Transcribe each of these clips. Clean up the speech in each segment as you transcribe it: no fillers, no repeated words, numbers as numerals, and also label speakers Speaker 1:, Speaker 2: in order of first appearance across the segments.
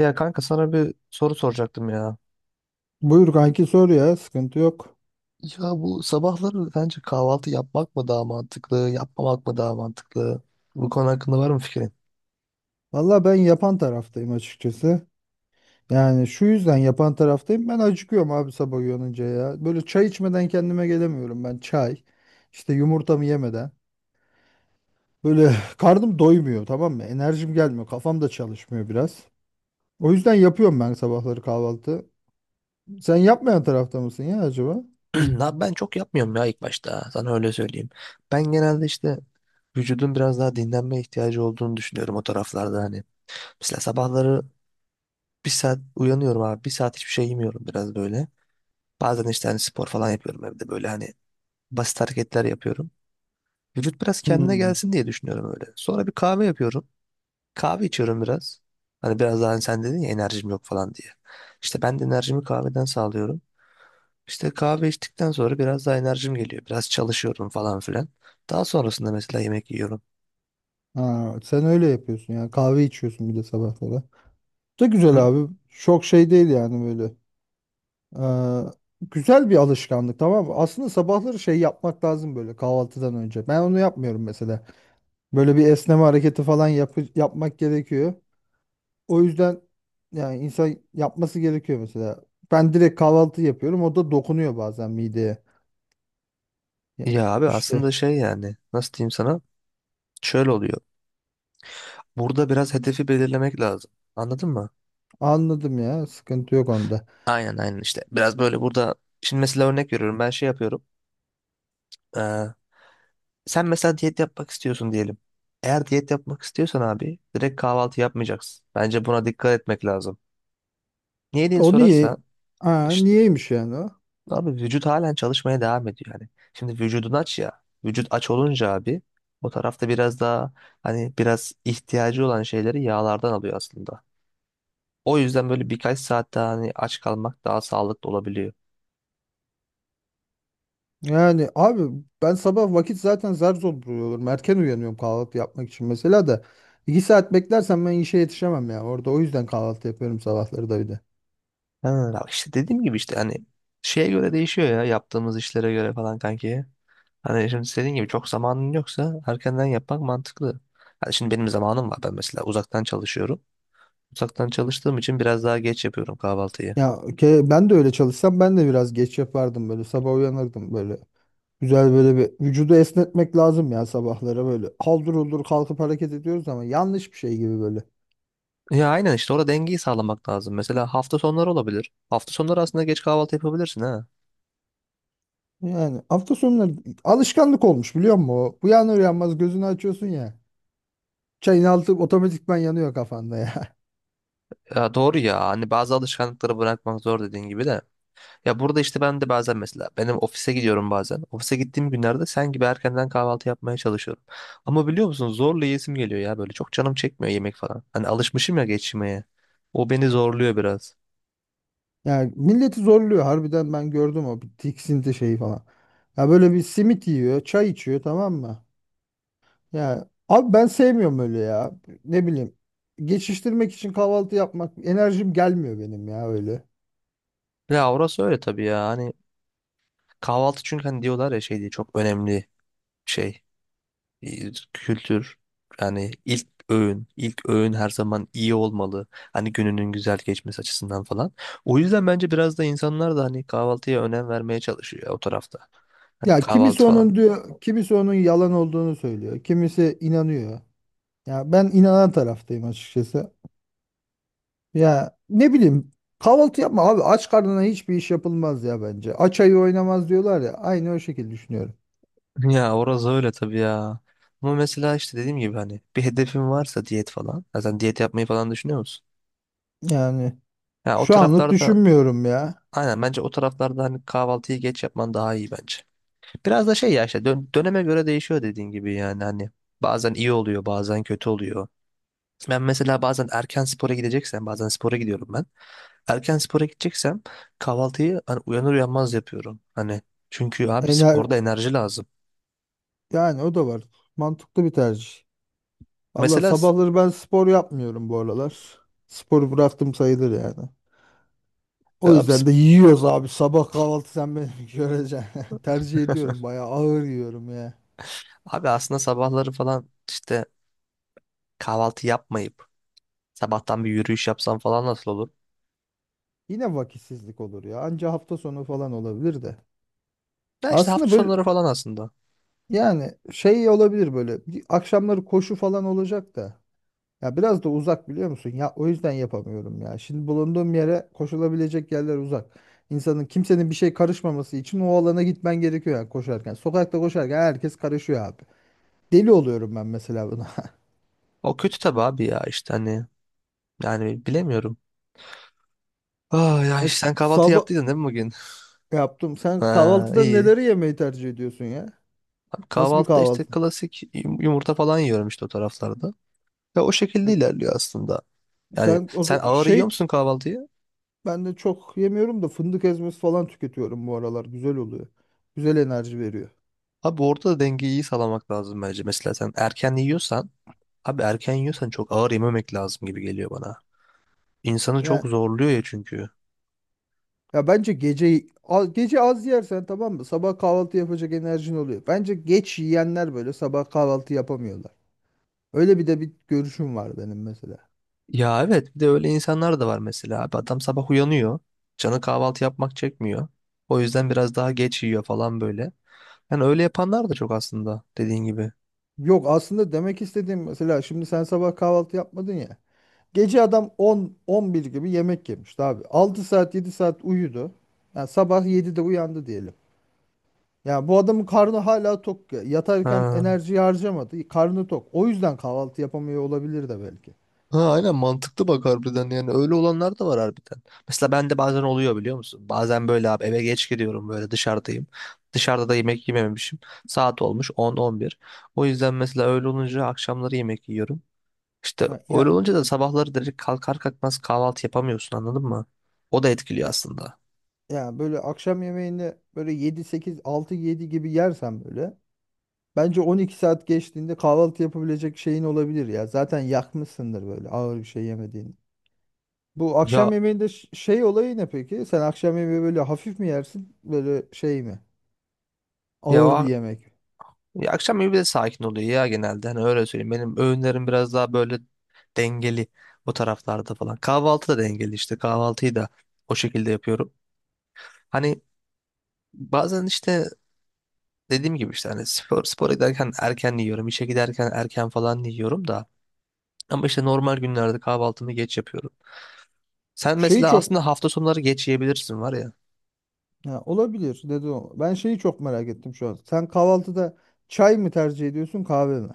Speaker 1: Ya kanka sana bir soru soracaktım ya.
Speaker 2: Buyur kanki, sor ya, sıkıntı yok.
Speaker 1: Ya bu sabahları bence kahvaltı yapmak mı daha mantıklı, yapmamak mı daha mantıklı? Bu konu hakkında var mı fikrin?
Speaker 2: Valla ben yapan taraftayım açıkçası. Yani şu yüzden yapan taraftayım. Ben acıkıyorum abi sabah uyanınca ya. Böyle çay içmeden kendime gelemiyorum ben. Çay, işte yumurtamı yemeden. Böyle karnım doymuyor, tamam mı? Enerjim gelmiyor. Kafam da çalışmıyor biraz. O yüzden yapıyorum ben sabahları kahvaltı. Sen yapmayan tarafta mısın ya acaba?
Speaker 1: Ya ben çok yapmıyorum ya ilk başta. Sana öyle söyleyeyim. Ben genelde işte vücudun biraz daha dinlenme ihtiyacı olduğunu düşünüyorum o taraflarda hani. Mesela sabahları bir saat uyanıyorum abi. Bir saat hiçbir şey yemiyorum biraz böyle. Bazen işte hani spor falan yapıyorum evde böyle hani basit hareketler yapıyorum. Vücut biraz kendine
Speaker 2: Hmm.
Speaker 1: gelsin diye düşünüyorum öyle. Sonra bir kahve yapıyorum. Kahve içiyorum biraz. Hani biraz daha hani sen dedin ya enerjim yok falan diye. İşte ben de enerjimi kahveden sağlıyorum. İşte kahve içtikten sonra biraz daha enerjim geliyor. Biraz çalışıyorum falan filan. Daha sonrasında mesela yemek yiyorum.
Speaker 2: Ha, sen öyle yapıyorsun yani, kahve içiyorsun bir de sabahlara. Da güzel
Speaker 1: Hı.
Speaker 2: abi. Çok şey değil yani böyle. Ee, Güzel bir alışkanlık, tamam mı? Aslında sabahları şey yapmak lazım böyle, kahvaltıdan önce. Ben onu yapmıyorum mesela. Böyle bir esneme hareketi falan yapmak gerekiyor. O yüzden yani insan yapması gerekiyor mesela. Ben direkt kahvaltı yapıyorum. O da dokunuyor bazen mideye. Ya,
Speaker 1: Ya abi
Speaker 2: İşte
Speaker 1: aslında şey yani nasıl diyeyim sana? Şöyle oluyor. Burada biraz hedefi belirlemek lazım. Anladın mı?
Speaker 2: anladım ya. Sıkıntı yok onda.
Speaker 1: Aynen aynen işte. Biraz böyle burada şimdi mesela örnek veriyorum. Ben şey yapıyorum. Sen mesela diyet yapmak istiyorsun diyelim. Eğer diyet yapmak istiyorsan abi direkt kahvaltı yapmayacaksın. Bence buna dikkat etmek lazım. Niye diye
Speaker 2: O niye?
Speaker 1: sorarsan
Speaker 2: Aa,
Speaker 1: işte
Speaker 2: niyeymiş yani o?
Speaker 1: abi vücut halen çalışmaya devam ediyor yani. Şimdi vücudun aç ya. Vücut aç olunca abi o tarafta biraz daha hani biraz ihtiyacı olan şeyleri yağlardan alıyor aslında. O yüzden böyle birkaç saat daha hani aç kalmak daha sağlıklı olabiliyor.
Speaker 2: Yani abi ben sabah vakit zaten zar zor buluyorum. Erken uyanıyorum kahvaltı yapmak için mesela da. İki saat beklersem ben işe yetişemem ya. Orada o yüzden kahvaltı yapıyorum sabahları da bir de.
Speaker 1: Ha, bak işte dediğim gibi işte hani şeye göre değişiyor ya yaptığımız işlere göre falan kanki. Hani şimdi senin gibi çok zamanın yoksa erkenden yapmak mantıklı. Hani şimdi benim zamanım var, ben mesela uzaktan çalışıyorum. Uzaktan çalıştığım için biraz daha geç yapıyorum kahvaltıyı.
Speaker 2: Ya Ben de öyle çalışsam ben de biraz geç yapardım böyle. Sabah uyanırdım böyle. Güzel, böyle bir vücudu esnetmek lazım ya sabahlara böyle. Haldır huldur kalkıp hareket ediyoruz ama yanlış bir şey gibi böyle.
Speaker 1: Ya aynen işte orada dengeyi sağlamak lazım. Mesela hafta sonları olabilir. Hafta sonları aslında geç kahvaltı yapabilirsin ha.
Speaker 2: Yani hafta sonları alışkanlık olmuş, biliyor musun? O uyanır uyanmaz gözünü açıyorsun ya. Çayın altı otomatikman yanıyor kafanda ya.
Speaker 1: Ya doğru ya, hani bazı alışkanlıkları bırakmak zor dediğin gibi de. Ya burada işte ben de bazen mesela benim ofise gidiyorum bazen. Ofise gittiğim günlerde sen gibi erkenden kahvaltı yapmaya çalışıyorum. Ama biliyor musun zorla yesim geliyor ya, böyle çok canım çekmiyor yemek falan. Hani alışmışım ya geçmeye. O beni zorluyor biraz.
Speaker 2: Yani milleti zorluyor harbiden, ben gördüm o bir tiksinti şeyi falan. Ya böyle bir simit yiyor, çay içiyor, tamam mı? Ya abi ben sevmiyorum öyle ya. Ne bileyim. Geçiştirmek için kahvaltı yapmak, enerjim gelmiyor benim ya öyle.
Speaker 1: Ya orası öyle tabii ya, hani kahvaltı çünkü hani diyorlar ya şey diye çok önemli şey kültür. Yani ilk öğün, ilk öğün her zaman iyi olmalı. Hani gününün güzel geçmesi açısından falan. O yüzden bence biraz da insanlar da hani kahvaltıya önem vermeye çalışıyor ya o tarafta. Hani
Speaker 2: Ya kimisi
Speaker 1: kahvaltı falan.
Speaker 2: onun diyor, kimisi onun yalan olduğunu söylüyor. Kimisi inanıyor. Ya ben inanan taraftayım açıkçası. Ya ne bileyim, kahvaltı yapma abi, aç karnına hiçbir iş yapılmaz ya bence. Aç ayı oynamaz diyorlar ya, aynı o şekilde düşünüyorum.
Speaker 1: Ya orası öyle tabii ya. Ama mesela işte dediğim gibi hani bir hedefin varsa diyet falan. Zaten diyet yapmayı falan düşünüyor musun?
Speaker 2: Yani
Speaker 1: Ya o
Speaker 2: şu anlık
Speaker 1: taraflarda,
Speaker 2: düşünmüyorum ya.
Speaker 1: aynen, bence o taraflarda hani kahvaltıyı geç yapman daha iyi bence. Biraz da şey ya işte döneme göre değişiyor dediğin gibi, yani hani bazen iyi oluyor bazen kötü oluyor. Ben mesela bazen erken spora gideceksem, bazen spora gidiyorum ben. Erken spora gideceksem kahvaltıyı hani uyanır uyanmaz yapıyorum. Hani çünkü abi
Speaker 2: Ener
Speaker 1: sporda enerji lazım.
Speaker 2: Yani o da var. Mantıklı bir tercih. Valla
Speaker 1: Mesela s-
Speaker 2: sabahları ben spor yapmıyorum bu aralar. Sporu bıraktım sayılır yani. O
Speaker 1: abi
Speaker 2: yüzden de yiyoruz abi sabah kahvaltı, sen beni göreceksin. Tercih ediyorum, bayağı ağır yiyorum ya.
Speaker 1: Abi aslında sabahları falan işte kahvaltı yapmayıp sabahtan bir yürüyüş yapsam falan nasıl olur?
Speaker 2: Yine vakitsizlik olur ya. Anca hafta sonu falan olabilir de.
Speaker 1: Ya işte hafta
Speaker 2: Aslında böyle,
Speaker 1: sonları falan aslında.
Speaker 2: yani şey olabilir, böyle bir akşamları koşu falan olacak da, ya biraz da uzak, biliyor musun? Ya o yüzden yapamıyorum ya. Şimdi bulunduğum yere koşulabilecek yerler uzak. İnsanın, kimsenin bir şey karışmaması için o alana gitmen gerekiyor yani, koşarken. Sokakta koşarken herkes karışıyor abi. Deli oluyorum ben mesela buna.
Speaker 1: O kötü tabii abi ya, işte hani yani bilemiyorum. Ah ya, işte sen kahvaltı
Speaker 2: Sabah
Speaker 1: yaptıydın değil mi bugün?
Speaker 2: yaptım. Sen
Speaker 1: Ha,
Speaker 2: kahvaltıda
Speaker 1: iyi.
Speaker 2: neleri yemeyi tercih ediyorsun ya?
Speaker 1: Abi
Speaker 2: Nasıl bir
Speaker 1: kahvaltıda işte
Speaker 2: kahvaltı?
Speaker 1: klasik yumurta falan yiyorum işte o taraflarda. Ve o şekilde
Speaker 2: E,
Speaker 1: ilerliyor aslında. Yani
Speaker 2: sen o
Speaker 1: sen
Speaker 2: z-
Speaker 1: ağır yiyor
Speaker 2: şey
Speaker 1: musun kahvaltıyı?
Speaker 2: Ben de çok yemiyorum da, fındık ezmesi falan tüketiyorum bu aralar. Güzel oluyor. Güzel enerji veriyor.
Speaker 1: Abi orada da dengeyi iyi sağlamak lazım bence. Mesela sen erken yiyorsan, abi erken yiyorsan çok ağır yememek lazım gibi geliyor bana. İnsanı
Speaker 2: Ya,
Speaker 1: çok zorluyor ya çünkü.
Speaker 2: ya bence gece gece az yersen, tamam mı? Sabah kahvaltı yapacak enerjin oluyor. Bence geç yiyenler böyle sabah kahvaltı yapamıyorlar. Öyle bir de bir görüşüm var benim mesela.
Speaker 1: Ya evet, bir de öyle insanlar da var mesela, abi adam sabah uyanıyor. Canı kahvaltı yapmak çekmiyor. O yüzden biraz daha geç yiyor falan böyle. Yani öyle yapanlar da çok aslında dediğin gibi.
Speaker 2: Yok, aslında demek istediğim, mesela şimdi sen sabah kahvaltı yapmadın ya. Gece adam 10 11 gibi yemek yemişti abi. 6 saat 7 saat uyudu. Yani sabah 7'de uyandı diyelim. Ya bu adamın karnı hala tok ya. Yatarken
Speaker 1: Ha.
Speaker 2: enerjiyi harcamadı. Karnı tok. O yüzden kahvaltı yapamıyor olabilir de belki.
Speaker 1: Ha, aynen, mantıklı bak, harbiden yani öyle olanlar da var harbiden. Mesela bende bazen oluyor biliyor musun? Bazen böyle abi eve geç gidiyorum, böyle dışarıdayım. Dışarıda da yemek yememişim. Saat olmuş 10-11. O yüzden mesela öyle olunca akşamları yemek yiyorum. İşte
Speaker 2: Ya,
Speaker 1: öyle
Speaker 2: ya,
Speaker 1: olunca da sabahları direkt kalkar kalkmaz kahvaltı yapamıyorsun, anladın mı? O da etkiliyor
Speaker 2: ya,
Speaker 1: aslında.
Speaker 2: ya böyle akşam yemeğini böyle 7 8 6 7 gibi yersen, böyle bence 12 saat geçtiğinde kahvaltı yapabilecek şeyin olabilir ya. Zaten yakmışsındır böyle, ağır bir şey yemediğini. Bu akşam
Speaker 1: Ya,
Speaker 2: yemeğinde şey olayı ne peki? Sen akşam yemeği böyle hafif mi yersin? Böyle şey mi?
Speaker 1: ya,
Speaker 2: Ağır bir yemek.
Speaker 1: ya akşam evi de sakin oluyor ya genelde. Hani öyle söyleyeyim. Benim öğünlerim biraz daha böyle dengeli o taraflarda falan. Kahvaltı da dengeli işte. Kahvaltıyı da o şekilde yapıyorum. Hani bazen işte dediğim gibi işte hani spora giderken erken yiyorum. İşe giderken erken falan yiyorum da. Ama işte normal günlerde kahvaltımı geç yapıyorum. Sen
Speaker 2: Şeyi
Speaker 1: mesela
Speaker 2: çok
Speaker 1: aslında hafta sonları geç yiyebilirsin var ya.
Speaker 2: Ya olabilir dedi o. Ben şeyi çok merak ettim şu an. Sen kahvaltıda çay mı tercih ediyorsun, kahve mi?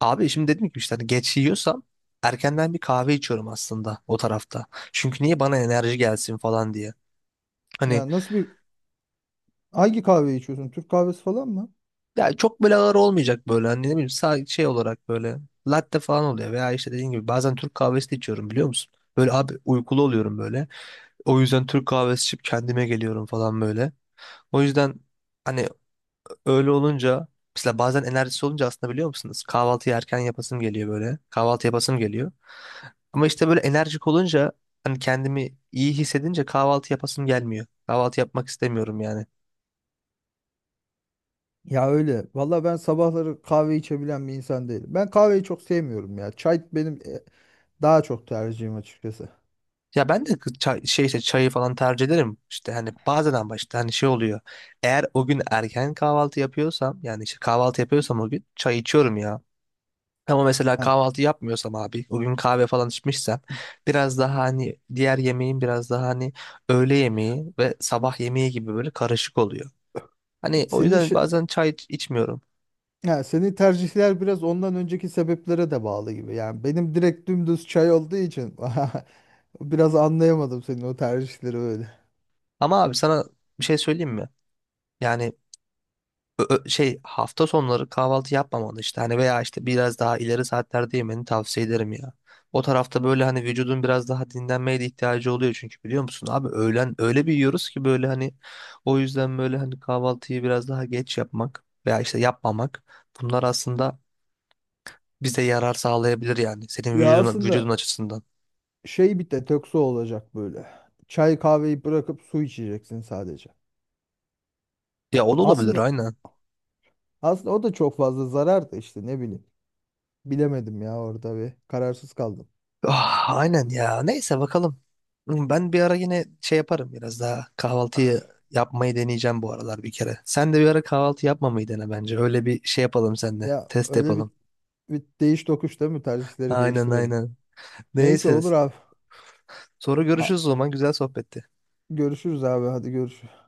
Speaker 1: Abi şimdi dedim ki işte hani geç yiyorsam erkenden bir kahve içiyorum aslında o tarafta. Çünkü niye, bana enerji gelsin falan diye. Hani
Speaker 2: Ya, nasıl bir, hangi kahve içiyorsun? Türk kahvesi falan mı?
Speaker 1: ya çok böyle ağır olmayacak böyle, hani ne bileyim, şey olarak böyle latte falan oluyor, veya işte dediğim gibi bazen Türk kahvesi de içiyorum biliyor musun? Böyle abi uykulu oluyorum böyle. O yüzden Türk kahvesi içip kendime geliyorum falan böyle. O yüzden hani, öyle olunca mesela bazen enerjisi olunca aslında biliyor musunuz? Kahvaltıyı erken yapasım geliyor böyle. Kahvaltı yapasım geliyor. Ama işte böyle enerjik olunca hani kendimi iyi hissedince kahvaltı yapasım gelmiyor. Kahvaltı yapmak istemiyorum yani.
Speaker 2: Ya öyle. Valla ben sabahları kahve içebilen bir insan değilim. Ben kahveyi çok sevmiyorum ya. Çay benim daha çok tercihim açıkçası.
Speaker 1: Ya ben de çay, şey işte çayı falan tercih ederim. İşte hani bazen ama işte hani şey oluyor. Eğer o gün erken kahvaltı yapıyorsam, yani işte kahvaltı yapıyorsam o gün çay içiyorum ya. Ama mesela
Speaker 2: Ha,
Speaker 1: kahvaltı yapmıyorsam abi, o gün kahve falan içmişsem biraz daha hani diğer yemeğin biraz daha hani öğle yemeği ve sabah yemeği gibi böyle karışık oluyor. Hani o
Speaker 2: senin
Speaker 1: yüzden
Speaker 2: şi-
Speaker 1: bazen çay içmiyorum.
Speaker 2: ha, senin tercihler biraz ondan önceki sebeplere de bağlı gibi. Yani benim direkt dümdüz çay olduğu için biraz anlayamadım senin o tercihleri öyle.
Speaker 1: Ama abi sana bir şey söyleyeyim mi? Yani şey, hafta sonları kahvaltı yapmamalı işte hani, veya işte biraz daha ileri saatlerde yemeni tavsiye ederim ya. O tarafta böyle hani vücudun biraz daha dinlenmeye de ihtiyacı oluyor çünkü biliyor musun abi öğlen öyle bir yiyoruz ki böyle hani, o yüzden böyle hani kahvaltıyı biraz daha geç yapmak veya işte yapmamak bunlar aslında bize yarar sağlayabilir yani senin
Speaker 2: Ya
Speaker 1: vücudun
Speaker 2: aslında
Speaker 1: açısından.
Speaker 2: şey, bir detoksu olacak böyle. Çay kahveyi bırakıp su içeceksin sadece.
Speaker 1: Ya o da olabilir
Speaker 2: Aslında
Speaker 1: aynen.
Speaker 2: aslında o da çok fazla zarar da, işte ne bileyim. Bilemedim ya, orada bir kararsız kaldım.
Speaker 1: Ah, aynen ya. Neyse, bakalım. Hmm, ben bir ara yine şey yaparım, biraz daha kahvaltıyı yapmayı deneyeceğim bu aralar bir kere. Sen de bir ara kahvaltı yapmamayı dene bence. Öyle bir şey yapalım seninle.
Speaker 2: Ya
Speaker 1: Test
Speaker 2: öyle bir,
Speaker 1: yapalım.
Speaker 2: bir değiş tokuş değil mi? Tercihleri
Speaker 1: Aynen
Speaker 2: değiştirelim.
Speaker 1: aynen.
Speaker 2: Neyse,
Speaker 1: Neyse.
Speaker 2: olur abi.
Speaker 1: Sonra
Speaker 2: A-
Speaker 1: görüşürüz o zaman. Güzel sohbetti.
Speaker 2: Görüşürüz abi, hadi görüşürüz.